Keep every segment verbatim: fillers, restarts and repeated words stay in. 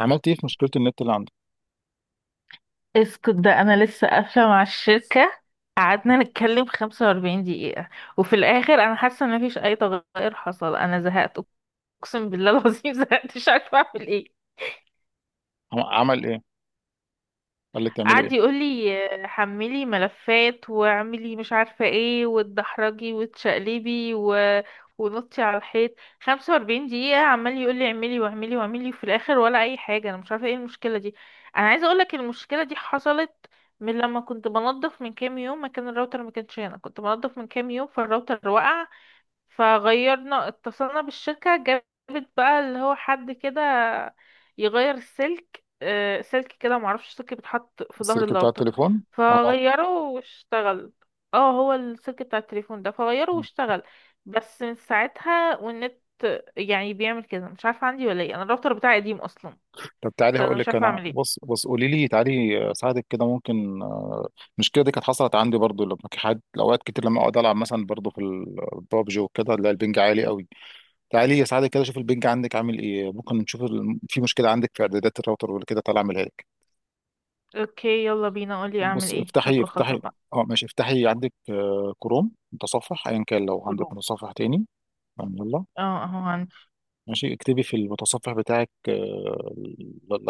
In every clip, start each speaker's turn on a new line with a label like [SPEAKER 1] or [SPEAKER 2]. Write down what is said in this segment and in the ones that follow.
[SPEAKER 1] عملت ايه في مشكله النت اللي عندك؟
[SPEAKER 2] اسكت ده انا لسه قافله مع الشركه. قعدنا نتكلم خمسة وأربعين دقيقة دقيقه، وفي الاخر انا حاسه ان مفيش اي تغير حصل. انا زهقت، اقسم بالله العظيم. زهقت مش عارفه اعمل ايه.
[SPEAKER 1] عم- عمل ايه؟ قال لك تعملي
[SPEAKER 2] قعد
[SPEAKER 1] ايه؟
[SPEAKER 2] يقول لي حملي ملفات واعملي مش عارفه ايه وتدحرجي وتشقلبي و... ونطي على الحيط. خمسة وأربعين دقيقة دقيقه عمال يقول لي اعملي واعملي واعملي، وفي الاخر ولا اي حاجه. انا مش عارفه ايه المشكله دي. انا عايزه اقول لك المشكله دي حصلت من لما كنت بنظف من كام يوم. مكان الراوتر ما كانش هنا، كنت بنظف من كام يوم فالراوتر وقع. فغيرنا، اتصلنا بالشركة، جابت بقى اللي هو حد كده يغير السلك. آه، سلك كده، معرفش، سلك بيتحط في ظهر
[SPEAKER 1] السلك بتاع
[SPEAKER 2] الراوتر
[SPEAKER 1] التليفون. اه.
[SPEAKER 2] فغيره واشتغل. اه، هو السلك بتاع التليفون ده، فغيره واشتغل. بس من ساعتها والنت يعني بيعمل كده. مش عارفة عندي ولا ايه، انا الراوتر بتاعي قديم اصلا.
[SPEAKER 1] طب تعالي
[SPEAKER 2] فانا
[SPEAKER 1] هقول
[SPEAKER 2] مش
[SPEAKER 1] لك،
[SPEAKER 2] عارفة
[SPEAKER 1] انا
[SPEAKER 2] اعمل ايه.
[SPEAKER 1] بص بص قولي لي تعالي اساعدك كده ممكن. المشكله دي كانت حصلت عندي برضو لما كان حد، اوقات كتير لما اقعد العب مثلا برضو في البابجي وكده، لا، البنج عالي قوي. تعالي اساعدك كده، شوف البنج عندك عامل ايه، ممكن نشوف ال- في مشكله عندك في اعدادات الراوتر ولا كده، تعالى اعملها لك.
[SPEAKER 2] اوكي، يلا بينا، قولي اعمل
[SPEAKER 1] بص
[SPEAKER 2] ايه
[SPEAKER 1] افتحي
[SPEAKER 2] خطوة خطوة
[SPEAKER 1] افتحي
[SPEAKER 2] بقى.
[SPEAKER 1] اه ماشي، افتحي عندك آه، كروم، متصفح ايا كان، لو عندك
[SPEAKER 2] كروم،
[SPEAKER 1] متصفح تاني. يلا.
[SPEAKER 2] اه اهو عندي.
[SPEAKER 1] ماشي اكتبي في المتصفح بتاعك آه، الاي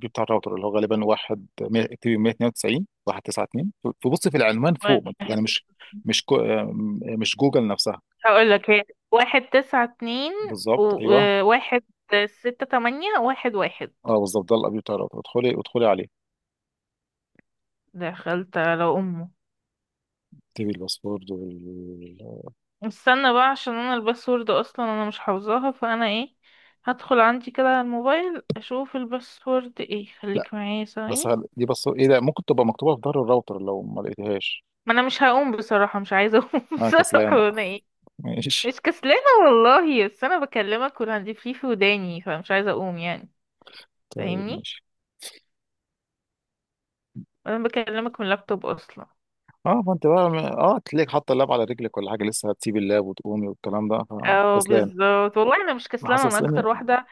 [SPEAKER 1] بي بتاع الراوتر، اللي هو غالبا واحد مية- اكتبي مية اتنين وتسعين واحد تسعة اتنين. فبصي في العنوان فوق، يعني
[SPEAKER 2] واحد،
[SPEAKER 1] مش مش كو- آه، مش جوجل نفسها.
[SPEAKER 2] هقول لك هي، واحد تسعة اتنين
[SPEAKER 1] بالظبط، ايوه.
[SPEAKER 2] وواحد ستة تمانية واحد واحد.
[SPEAKER 1] اه بالظبط، ده الاي بي بتاع الراوتر، ادخلي ادخلي عليه.
[SPEAKER 2] دخلت على أمه.
[SPEAKER 1] اكتبي الباسورد وال...
[SPEAKER 2] استنى بقى، عشان أنا الباسورد أصلا أنا مش حافظاها، فأنا ايه، هدخل عندي كده على الموبايل أشوف الباسورد ايه.
[SPEAKER 1] لا،
[SPEAKER 2] خليك معايا
[SPEAKER 1] بس
[SPEAKER 2] ثواني.
[SPEAKER 1] هل... دي بس ايه؟ ده ممكن تبقى مكتوبه في ظهر الراوتر لو ما لقيتهاش.
[SPEAKER 2] ما أنا مش هقوم بصراحة، مش عايزة أقوم.
[SPEAKER 1] انا كسلان.
[SPEAKER 2] بصراحة أنا ايه،
[SPEAKER 1] ماشي.
[SPEAKER 2] مش كسلانة والله، بس أنا بكلمك والهاند فري في وداني، فمش عايزة أقوم يعني.
[SPEAKER 1] طيب
[SPEAKER 2] فاهمني،
[SPEAKER 1] ماشي.
[SPEAKER 2] أنا بكلمك من اللابتوب أصلا.
[SPEAKER 1] اه، فانت بقى، اه، تلاقيك حاطه اللاب على رجلك ولا حاجه، لسه هتسيب اللاب وتقومي والكلام ده.
[SPEAKER 2] اه
[SPEAKER 1] فكسلان
[SPEAKER 2] بالظبط، والله انا مش كسلانه، انا
[SPEAKER 1] حاسس.
[SPEAKER 2] اكتر واحده،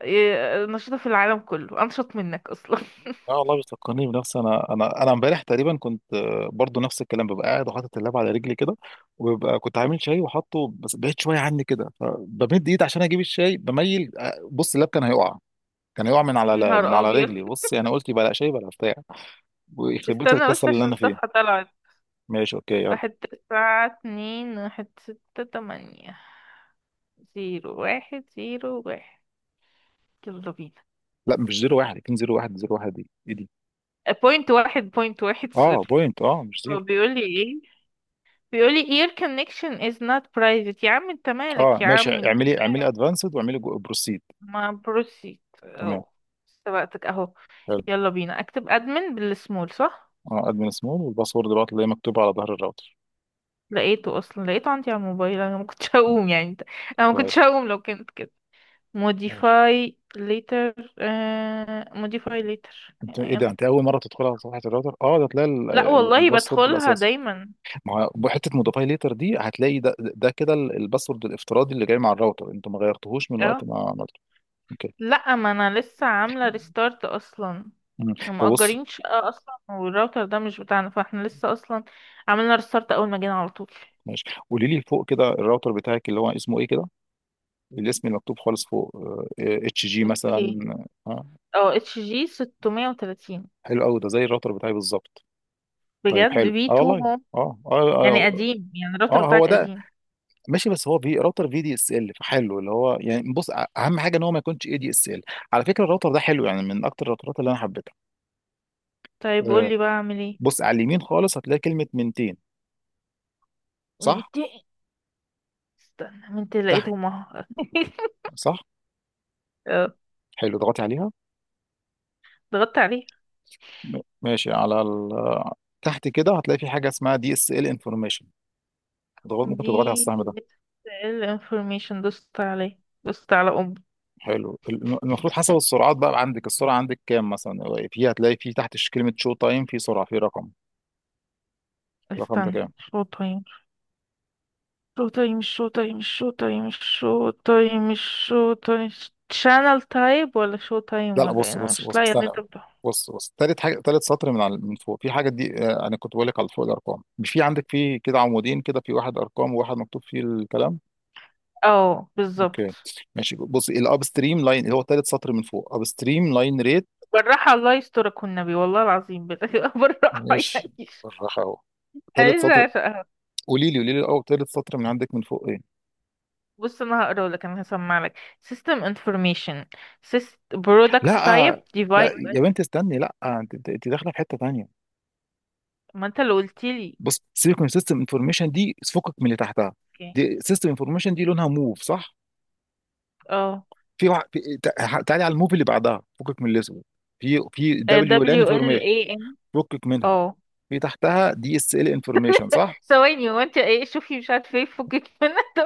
[SPEAKER 2] إيه، نشيطه في العالم، كله انشط منك اصلا.
[SPEAKER 1] اه والله، بتفكرني بنفسي انا، انا انا امبارح تقريبا كنت آه، برضو نفس الكلام، ببقى قاعد وحاطط اللاب على رجلي كده، وببقى كنت عامل شاي وحاطه بس بعيد شويه عني كده، فبمد ايد عشان اجيب الشاي بميل، آه، بص اللاب كان هيقع، كان هيقع من على
[SPEAKER 2] نهار
[SPEAKER 1] من على
[SPEAKER 2] ابيض.
[SPEAKER 1] رجلي، بص يعني قلت بلا شاي بلا بتاع، ويخرب بيت
[SPEAKER 2] استنى
[SPEAKER 1] الكسل
[SPEAKER 2] بس
[SPEAKER 1] اللي
[SPEAKER 2] عشان
[SPEAKER 1] انا
[SPEAKER 2] الصفحه
[SPEAKER 1] فيه.
[SPEAKER 2] طلعت.
[SPEAKER 1] ماشي اوكي يلا.
[SPEAKER 2] واحد تسعة اتنين واحد ستة تمانية زيرو واحد زيرو واحد. يلا بينا.
[SPEAKER 1] لا مش زيرو واحد، كان زيرو واحد زيرو واحد، دي ايه دي؟
[SPEAKER 2] بوينت واحد بوينت واحد
[SPEAKER 1] اه
[SPEAKER 2] صفر.
[SPEAKER 1] بوينت، اه مش زيرو.
[SPEAKER 2] هو بيقول لي ايه؟ بيقول لي your connection is not private. يا عم انت
[SPEAKER 1] اه
[SPEAKER 2] مالك، يا
[SPEAKER 1] ماشي،
[SPEAKER 2] عم انت
[SPEAKER 1] اعملي اعملي
[SPEAKER 2] مالك.
[SPEAKER 1] ادفانسد، واعملي بروسيد.
[SPEAKER 2] ما بروسيت
[SPEAKER 1] تمام.
[SPEAKER 2] اهو، سبقتك اهو.
[SPEAKER 1] حلو.
[SPEAKER 2] يلا بينا. اكتب admin بالسمول صح؟
[SPEAKER 1] اه، ادمن سمول، والباسورد بقى اللي هي مكتوبه على ظهر الراوتر.
[SPEAKER 2] لقيته اصلا، لقيته عندي على الموبايل. انا ما كنتش هقوم يعني. انا ما كنتش
[SPEAKER 1] كويس.
[SPEAKER 2] هقوم لو كانت كده.
[SPEAKER 1] ماشي.
[SPEAKER 2] modify later. آه... modify later
[SPEAKER 1] انت ايه
[SPEAKER 2] يعني.
[SPEAKER 1] ده، انت اول مره تدخلها على صفحه الراوتر؟ اه ده تلاقي ال-
[SPEAKER 2] لا
[SPEAKER 1] ال-
[SPEAKER 2] والله
[SPEAKER 1] الباسورد
[SPEAKER 2] بدخلها
[SPEAKER 1] الاساسي.
[SPEAKER 2] دايما.
[SPEAKER 1] ما هو حته موديفاي ليتر دي، هتلاقي ده ده كده ال- الباسورد الافتراضي اللي جاي مع الراوتر، انتوا ما غيرتوهوش من وقت
[SPEAKER 2] اه.
[SPEAKER 1] ما عملته. اوكي.
[SPEAKER 2] لا، ما انا لسه عامله ريستارت اصلا.
[SPEAKER 1] مم.
[SPEAKER 2] هم
[SPEAKER 1] طب بص،
[SPEAKER 2] مأجرين شقه اصلا، والراوتر ده مش بتاعنا، فاحنا لسه اصلا عملنا ريستارت اول ما جينا على طول.
[SPEAKER 1] ماشي. قولي لي فوق كده الراوتر بتاعك اللي هو اسمه ايه كده، الاسم المكتوب خالص فوق، اتش جي مثلا.
[SPEAKER 2] اوكي.
[SPEAKER 1] اه،
[SPEAKER 2] اه، اتش جي ستمية وتلاتين.
[SPEAKER 1] حلو قوي، ده زي الراوتر بتاعي بالظبط. طيب
[SPEAKER 2] بجد
[SPEAKER 1] حلو،
[SPEAKER 2] في
[SPEAKER 1] اه
[SPEAKER 2] تو
[SPEAKER 1] والله.
[SPEAKER 2] هوم.
[SPEAKER 1] اه، اه اه,
[SPEAKER 2] يعني قديم، يعني الراوتر
[SPEAKER 1] آه هو
[SPEAKER 2] بتاعك
[SPEAKER 1] ده.
[SPEAKER 2] قديم.
[SPEAKER 1] ماشي، بس هو في راوتر في دي اس ال فحلو، اللي هو يعني بص أ- اهم حاجه ان هو ما يكونش اي دي اس ال. على فكره الراوتر ده حلو، يعني من اكتر الراوترات اللي انا حبيتها.
[SPEAKER 2] طيب
[SPEAKER 1] آه،
[SPEAKER 2] قولي بقى اعمل
[SPEAKER 1] بص على اليمين خالص هتلاقي كلمه منتين،
[SPEAKER 2] ايه.
[SPEAKER 1] صح؟
[SPEAKER 2] استنى، من انت
[SPEAKER 1] تحت.
[SPEAKER 2] لقيتهم اهو.
[SPEAKER 1] صح.
[SPEAKER 2] اه،
[SPEAKER 1] حلو، اضغطي عليها.
[SPEAKER 2] ضغطت عليه.
[SPEAKER 1] م- ماشي، على ال... تحت كده هتلاقي في حاجه اسمها دي اس ال انفورميشن. ضغط، ممكن
[SPEAKER 2] دي
[SPEAKER 1] تضغطي على السهم ده.
[SPEAKER 2] ال information، دوست عليه دوست على ام.
[SPEAKER 1] حلو، الم- المفروض حسب السرعات بقى عندك، السرعه عندك كام مثلا؟ في هتلاقي في تحت ش- كلمه شو تايم، في سرعه، في رقم. الرقم ده
[SPEAKER 2] استنى.
[SPEAKER 1] كام؟
[SPEAKER 2] شو تايم شو تايم شو تايم شو تايم شو تايم شو تايم. شانل تايب ولا شو تايم
[SPEAKER 1] لا لا
[SPEAKER 2] ولا إيه؟
[SPEAKER 1] بص
[SPEAKER 2] انا
[SPEAKER 1] بص
[SPEAKER 2] مش
[SPEAKER 1] بص
[SPEAKER 2] لاقيه اللي
[SPEAKER 1] استنى.
[SPEAKER 2] انت بتقوله.
[SPEAKER 1] بص بص تالت حاجه، تالت سطر من على من فوق في حاجه دي، آه، انا كنت بقول لك على فوق الارقام، مش في عندك في كده عمودين كده، في واحد ارقام وواحد مكتوب فيه الكلام.
[SPEAKER 2] اه
[SPEAKER 1] اوكي.
[SPEAKER 2] بالظبط.
[SPEAKER 1] ماشي، بص الاب ستريم لاين، اللي هو تالت سطر من فوق، اب ستريم لاين ريت.
[SPEAKER 2] بالراحه الله يسترك والنبي والله العظيم بال- بالراحه
[SPEAKER 1] ماشي.
[SPEAKER 2] يعني.
[SPEAKER 1] بالراحه اهو، تالت سطر.
[SPEAKER 2] عايزه،
[SPEAKER 1] قولي لي، قولي لي الاول تالت سطر من عندك من فوق ايه؟
[SPEAKER 2] بص انا هقرا لك انا هسمع لك. system information. Syst... product
[SPEAKER 1] لا
[SPEAKER 2] type
[SPEAKER 1] آه، لا يا
[SPEAKER 2] device.
[SPEAKER 1] بنت استني، لا آه، انت، انت أنت داخله في حته تانيه.
[SPEAKER 2] ما انت اللي قلت لي.
[SPEAKER 1] بص سيكون سيستم انفورميشن دي، فكك من اللي تحتها.
[SPEAKER 2] اوكي.
[SPEAKER 1] دي سيستم انفورميشن دي لونها موف، صح؟
[SPEAKER 2] اه،
[SPEAKER 1] في وع... في... تع- تعالي على الموفي اللي بعدها، فكك من الاسم، في في
[SPEAKER 2] آه،
[SPEAKER 1] دبليو لان
[SPEAKER 2] W L
[SPEAKER 1] انفورميشن،
[SPEAKER 2] A M.
[SPEAKER 1] فكك منها.
[SPEAKER 2] اه.
[SPEAKER 1] في تحتها دي اس ال انفورميشن، صح؟
[SPEAKER 2] ثواني، وانت ايه، شوفي مش عارفه ايه فكك منها. طب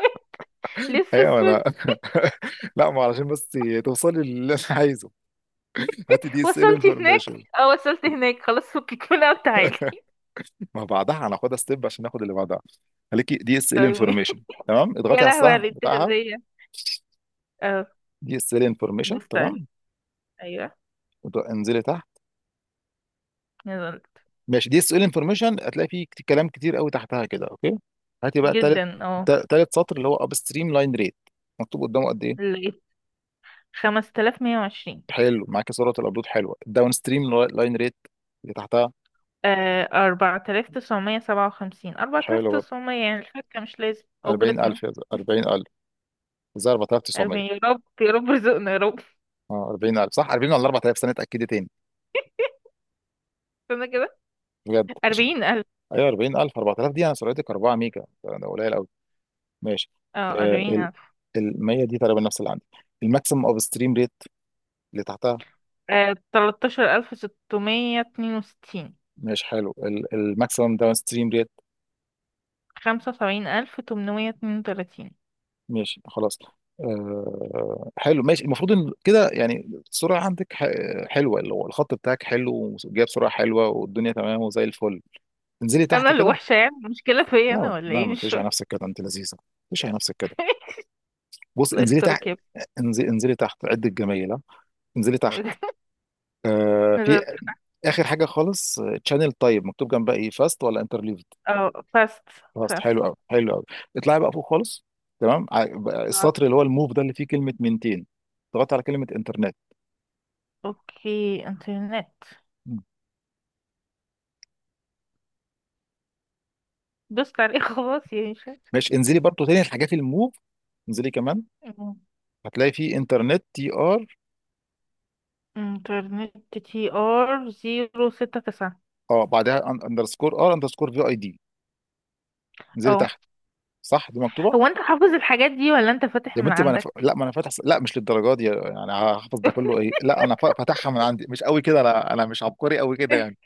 [SPEAKER 2] لسه
[SPEAKER 1] ايوه انا.
[SPEAKER 2] سويت.
[SPEAKER 1] لا، ما علشان بس توصلي للي انا عايزه. هاتي دي اس ال
[SPEAKER 2] وصلت هناك.
[SPEAKER 1] انفورميشن.
[SPEAKER 2] اه وصلت هناك، خلاص فكك منها وتعالي.
[SPEAKER 1] ما بعدها هناخدها ستيب عشان ناخد اللي بعدها. خليكي دي اس ال
[SPEAKER 2] طيب.
[SPEAKER 1] انفورميشن. تمام
[SPEAKER 2] يا
[SPEAKER 1] اضغطي على
[SPEAKER 2] لهوي
[SPEAKER 1] السهم
[SPEAKER 2] على
[SPEAKER 1] بتاعها.
[SPEAKER 2] الانتهازية. اه.
[SPEAKER 1] دي اس ال انفورميشن،
[SPEAKER 2] بس
[SPEAKER 1] تمام.
[SPEAKER 2] تاني. ايوه.
[SPEAKER 1] اضغ- انزلي تحت.
[SPEAKER 2] نزلت.
[SPEAKER 1] ماشي، دي اس ال انفورميشن هتلاقي فيه كت- كلام كتير قوي تحتها كده، اوكي. هاتي بقى تالت،
[SPEAKER 2] جدا اه.
[SPEAKER 1] تا- تالت سطر اللي هو اب ستريم لاين ريت، مكتوب قدامه قد ايه؟
[SPEAKER 2] لقيت خمسة آلاف ومية وعشرين.
[SPEAKER 1] حلو، معاك صورة الابلود حلوه. الداون ستريم لاين ريت اللي تحتها.
[SPEAKER 2] آه، أربعة آلاف تسعمية سبعة وخمسين، أربعة آلاف
[SPEAKER 1] حلو برضه.
[SPEAKER 2] تسعمية، يعني الفكة مش لازم أجرتنا.
[SPEAKER 1] اربعين الف يا زلمة، اربعين الف، زي اربعة آلاف وتسعمية.
[SPEAKER 2] أربعين، يا رب يا رب رزقنا يا رب.
[SPEAKER 1] اه اربعين الف، صح اربعين ولا اربعة آلاف سنه، اتاكدي تاني
[SPEAKER 2] استنى كده.
[SPEAKER 1] بجد عشان.
[SPEAKER 2] أربعين ألف.
[SPEAKER 1] ايوه اربعين الف، اربعة آلاف دي، انا سرعتك اربعة ميجا، ده ده قليل قوي. ماشي.
[SPEAKER 2] اه
[SPEAKER 1] آه،
[SPEAKER 2] أربعين
[SPEAKER 1] ال
[SPEAKER 2] ألف.
[SPEAKER 1] ال مية دي تقريبا نفس اللي عندي، الماكسيمم اوف ستريم ريت اللي تحتها.
[SPEAKER 2] تلاتاشر ألف ستمية اتنين وستين.
[SPEAKER 1] ماشي حلو. الماكسيمم داون ستريم ريت.
[SPEAKER 2] خمسة وسبعين ألف تمنمية اتنين وتلاتين.
[SPEAKER 1] ماشي خلاص. آه حلو ماشي، المفروض ان كده يعني السرعه عندك ح- حلوه، اللي هو الخط بتاعك حلو، وجايب سرعه حلوه والدنيا تمام وزي الفل. انزلي
[SPEAKER 2] أنا
[SPEAKER 1] تحت
[SPEAKER 2] اللي
[SPEAKER 1] كده.
[SPEAKER 2] وحشة يعني، المشكلة فيا
[SPEAKER 1] لا
[SPEAKER 2] أنا ولا
[SPEAKER 1] لا،
[SPEAKER 2] إيه،
[SPEAKER 1] ما
[SPEAKER 2] مش
[SPEAKER 1] تقوليش على
[SPEAKER 2] فاهمة.
[SPEAKER 1] نفسك كده، انت لذيذه، ما تقوليش على نفسك كده. بص
[SPEAKER 2] الله
[SPEAKER 1] انزلي تحت.
[SPEAKER 2] يسترك يا
[SPEAKER 1] انزلي, انزلي تحت عد الجميله. انزلي تحت.
[SPEAKER 2] ابني.
[SPEAKER 1] آه في،
[SPEAKER 2] نزلت.
[SPEAKER 1] اخر حاجه خالص، تشانل طيب مكتوب جنبها ايه، فاست ولا؟
[SPEAKER 2] اه فاست.
[SPEAKER 1] خلاص، حلو
[SPEAKER 2] فاست.
[SPEAKER 1] قوي، حلو قوي. اطلعي بقى فوق خالص. تمام، ع- بقى السطر اللي هو الموف ده اللي فيه كلمه منتين، اضغطي على كلمه انترنت.
[SPEAKER 2] اوكي، انترنت.
[SPEAKER 1] مم.
[SPEAKER 2] دوست عليه. خلاص يا
[SPEAKER 1] ماشي، انزلي برضو تاني الحاجات الموف، انزلي كمان.
[SPEAKER 2] هشام.
[SPEAKER 1] هتلاقي فيه انترنت تي ار،
[SPEAKER 2] انترنت تي ار زيرو ستة تسعة.
[SPEAKER 1] اه بعدها اندرسكور ار اندرسكور في اي دي، انزلي
[SPEAKER 2] اه.
[SPEAKER 1] تحت. صح، دي مكتوبه؟
[SPEAKER 2] هو انت حافظ الحاجات دي ولا انت فاتح
[SPEAKER 1] يا
[SPEAKER 2] من
[SPEAKER 1] بنتي ما انا ف...
[SPEAKER 2] عندك؟
[SPEAKER 1] لا ما انا فاتح، لا مش للدرجه دي يعني، هحفظ ده كله، ايه؟ لا انا ف- فاتحها من عندي، مش قوي كده، انا، انا مش عبقري قوي كده يعني.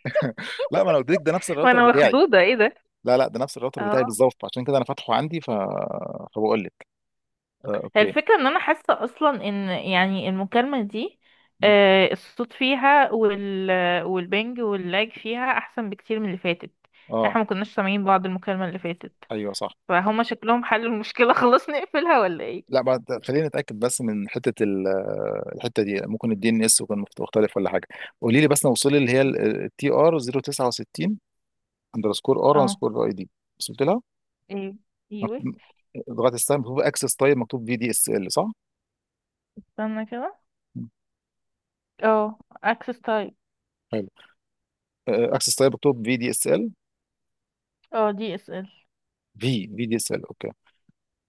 [SPEAKER 1] لا ما انا قلت لك ده نفس الراوتر
[SPEAKER 2] وانا
[SPEAKER 1] بتاعي.
[SPEAKER 2] مخضوضة ايه ده.
[SPEAKER 1] لا لا، ده نفس الراوتر بتاعي
[SPEAKER 2] اه.
[SPEAKER 1] بالظبط، عشان كده انا فاتحه عندي، ف... فبقول لك. آه
[SPEAKER 2] هي
[SPEAKER 1] اوكي.
[SPEAKER 2] الفكرة ان انا حاسة اصلا ان يعني المكالمة دي آه، الصوت فيها وال والبنج واللاج فيها احسن بكتير من اللي فاتت. يعني
[SPEAKER 1] اه.
[SPEAKER 2] احنا ما كناش سامعين بعض المكالمة اللي فاتت.
[SPEAKER 1] ايوه صح.
[SPEAKER 2] فهما شكلهم حلوا المشكلة. خلاص نقفلها ولا ايه؟
[SPEAKER 1] لا، بعد، خلينا نتاكد بس من حته ال- الحته دي، ممكن الدي ان اس يكون مخت- مختلف ولا حاجه. قولي لي بس وصلي اللي هي التي ار صفر ستة تسعة اندرسكور ار
[SPEAKER 2] اه.
[SPEAKER 1] اندرسكور اي دي، وصلت لها؟
[SPEAKER 2] ايه. ايوه.
[SPEAKER 1] مكتوب- لغايه الساعه مكتوب اكسس تايب، مكتوب في دي اس ال، صح؟
[SPEAKER 2] استنى كده.
[SPEAKER 1] مم.
[SPEAKER 2] اه. access type.
[SPEAKER 1] حلو، اكسس تايب مكتوب في دي اس ال.
[SPEAKER 2] اه دي اس ال.
[SPEAKER 1] في في دي است ال، اوكي.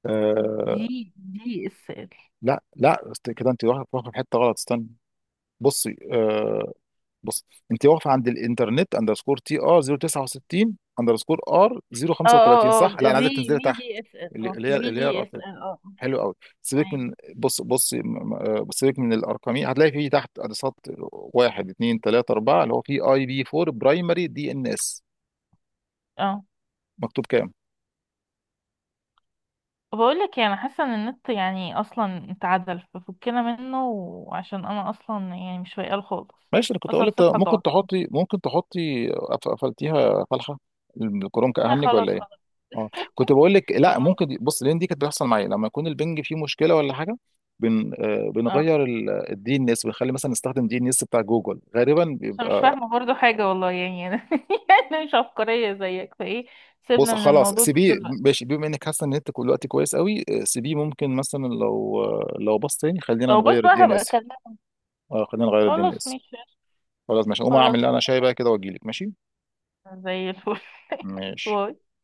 [SPEAKER 1] آه.
[SPEAKER 2] دي دي اس ال.
[SPEAKER 1] لا لا، است- كده انت واخد واخد في حته غلط، استنى. بصي، آه، بص، انت واقفه عند الانترنت اندرسكور تي ار صفر ستة تسعة اندرسكور ار
[SPEAKER 2] اه
[SPEAKER 1] صفر تلاته خمسة،
[SPEAKER 2] اه
[SPEAKER 1] صح؟
[SPEAKER 2] اه
[SPEAKER 1] لا انا عايزك
[SPEAKER 2] في
[SPEAKER 1] تنزلي
[SPEAKER 2] في
[SPEAKER 1] تحت،
[SPEAKER 2] دي اس ال،
[SPEAKER 1] اللي
[SPEAKER 2] اه
[SPEAKER 1] اللي هي
[SPEAKER 2] في
[SPEAKER 1] اللي هي
[SPEAKER 2] دي اس
[SPEAKER 1] الأرقام.
[SPEAKER 2] ال، اه آه.
[SPEAKER 1] حلو قوي، سيبك
[SPEAKER 2] ايوه.
[SPEAKER 1] من، بص بص م- م- آه، سيبك من الارقامين، هتلاقي فيه تحت ادرسات، واحد اثنين ثلاثه اربعه، اللي هو فيه اي بي فور برايمري دي ان اس،
[SPEAKER 2] اه
[SPEAKER 1] مكتوب كام؟
[SPEAKER 2] بقول لك انا حاسه ان النت يعني اصلا اتعدل، ففكنا منه، وعشان انا اصلا يعني مش فايقه خالص.
[SPEAKER 1] ماشي، انا كنت
[SPEAKER 2] اصلا
[SPEAKER 1] اقول لك
[SPEAKER 2] الصفحه
[SPEAKER 1] ممكن
[SPEAKER 2] ضاعت.
[SPEAKER 1] تحطي، ممكن تحطي، قف- قفلتيها فالحه. الكروم
[SPEAKER 2] انا
[SPEAKER 1] كأهنج
[SPEAKER 2] خلاص
[SPEAKER 1] ولا إيه؟
[SPEAKER 2] خلاص.
[SPEAKER 1] اه، كنت بقول لك، لا
[SPEAKER 2] والله.
[SPEAKER 1] ممكن دي- بص، لان دي كانت بتحصل معايا لما يكون البنج فيه مشكله ولا حاجه. بن آه،
[SPEAKER 2] اه،
[SPEAKER 1] بنغير ال- الدي ان اس، بنخلي مثلا نستخدم دي ان اس بتاع جوجل غالبا
[SPEAKER 2] عشان مش
[SPEAKER 1] بيبقى.
[SPEAKER 2] فاهمه برضو حاجه والله يعني انا يعني مش عبقريه زيك فايه.
[SPEAKER 1] بص
[SPEAKER 2] سيبنا من
[SPEAKER 1] خلاص
[SPEAKER 2] الموضوع ده
[SPEAKER 1] سيبيه،
[SPEAKER 2] دلوقتي.
[SPEAKER 1] ماشي، بما انك حاسه ان انت كل الوقت كويس قوي، آه، سيبيه، ممكن مثلا لو، آه، لو باص تاني، خلينا
[SPEAKER 2] طب بس
[SPEAKER 1] نغير الدي
[SPEAKER 2] بقى
[SPEAKER 1] ان
[SPEAKER 2] هبقى
[SPEAKER 1] اس.
[SPEAKER 2] اكلمك.
[SPEAKER 1] اه خلينا نغير الدي ان
[SPEAKER 2] خلاص
[SPEAKER 1] اس.
[SPEAKER 2] ماشي.
[SPEAKER 1] خلاص ماشي، اقوم اعمل
[SPEAKER 2] خلاص،
[SPEAKER 1] اللي انا، شاي بقى كده واجي لك. ماشي.
[SPEAKER 2] زي الفل.
[SPEAKER 1] ماشي.
[SPEAKER 2] باي.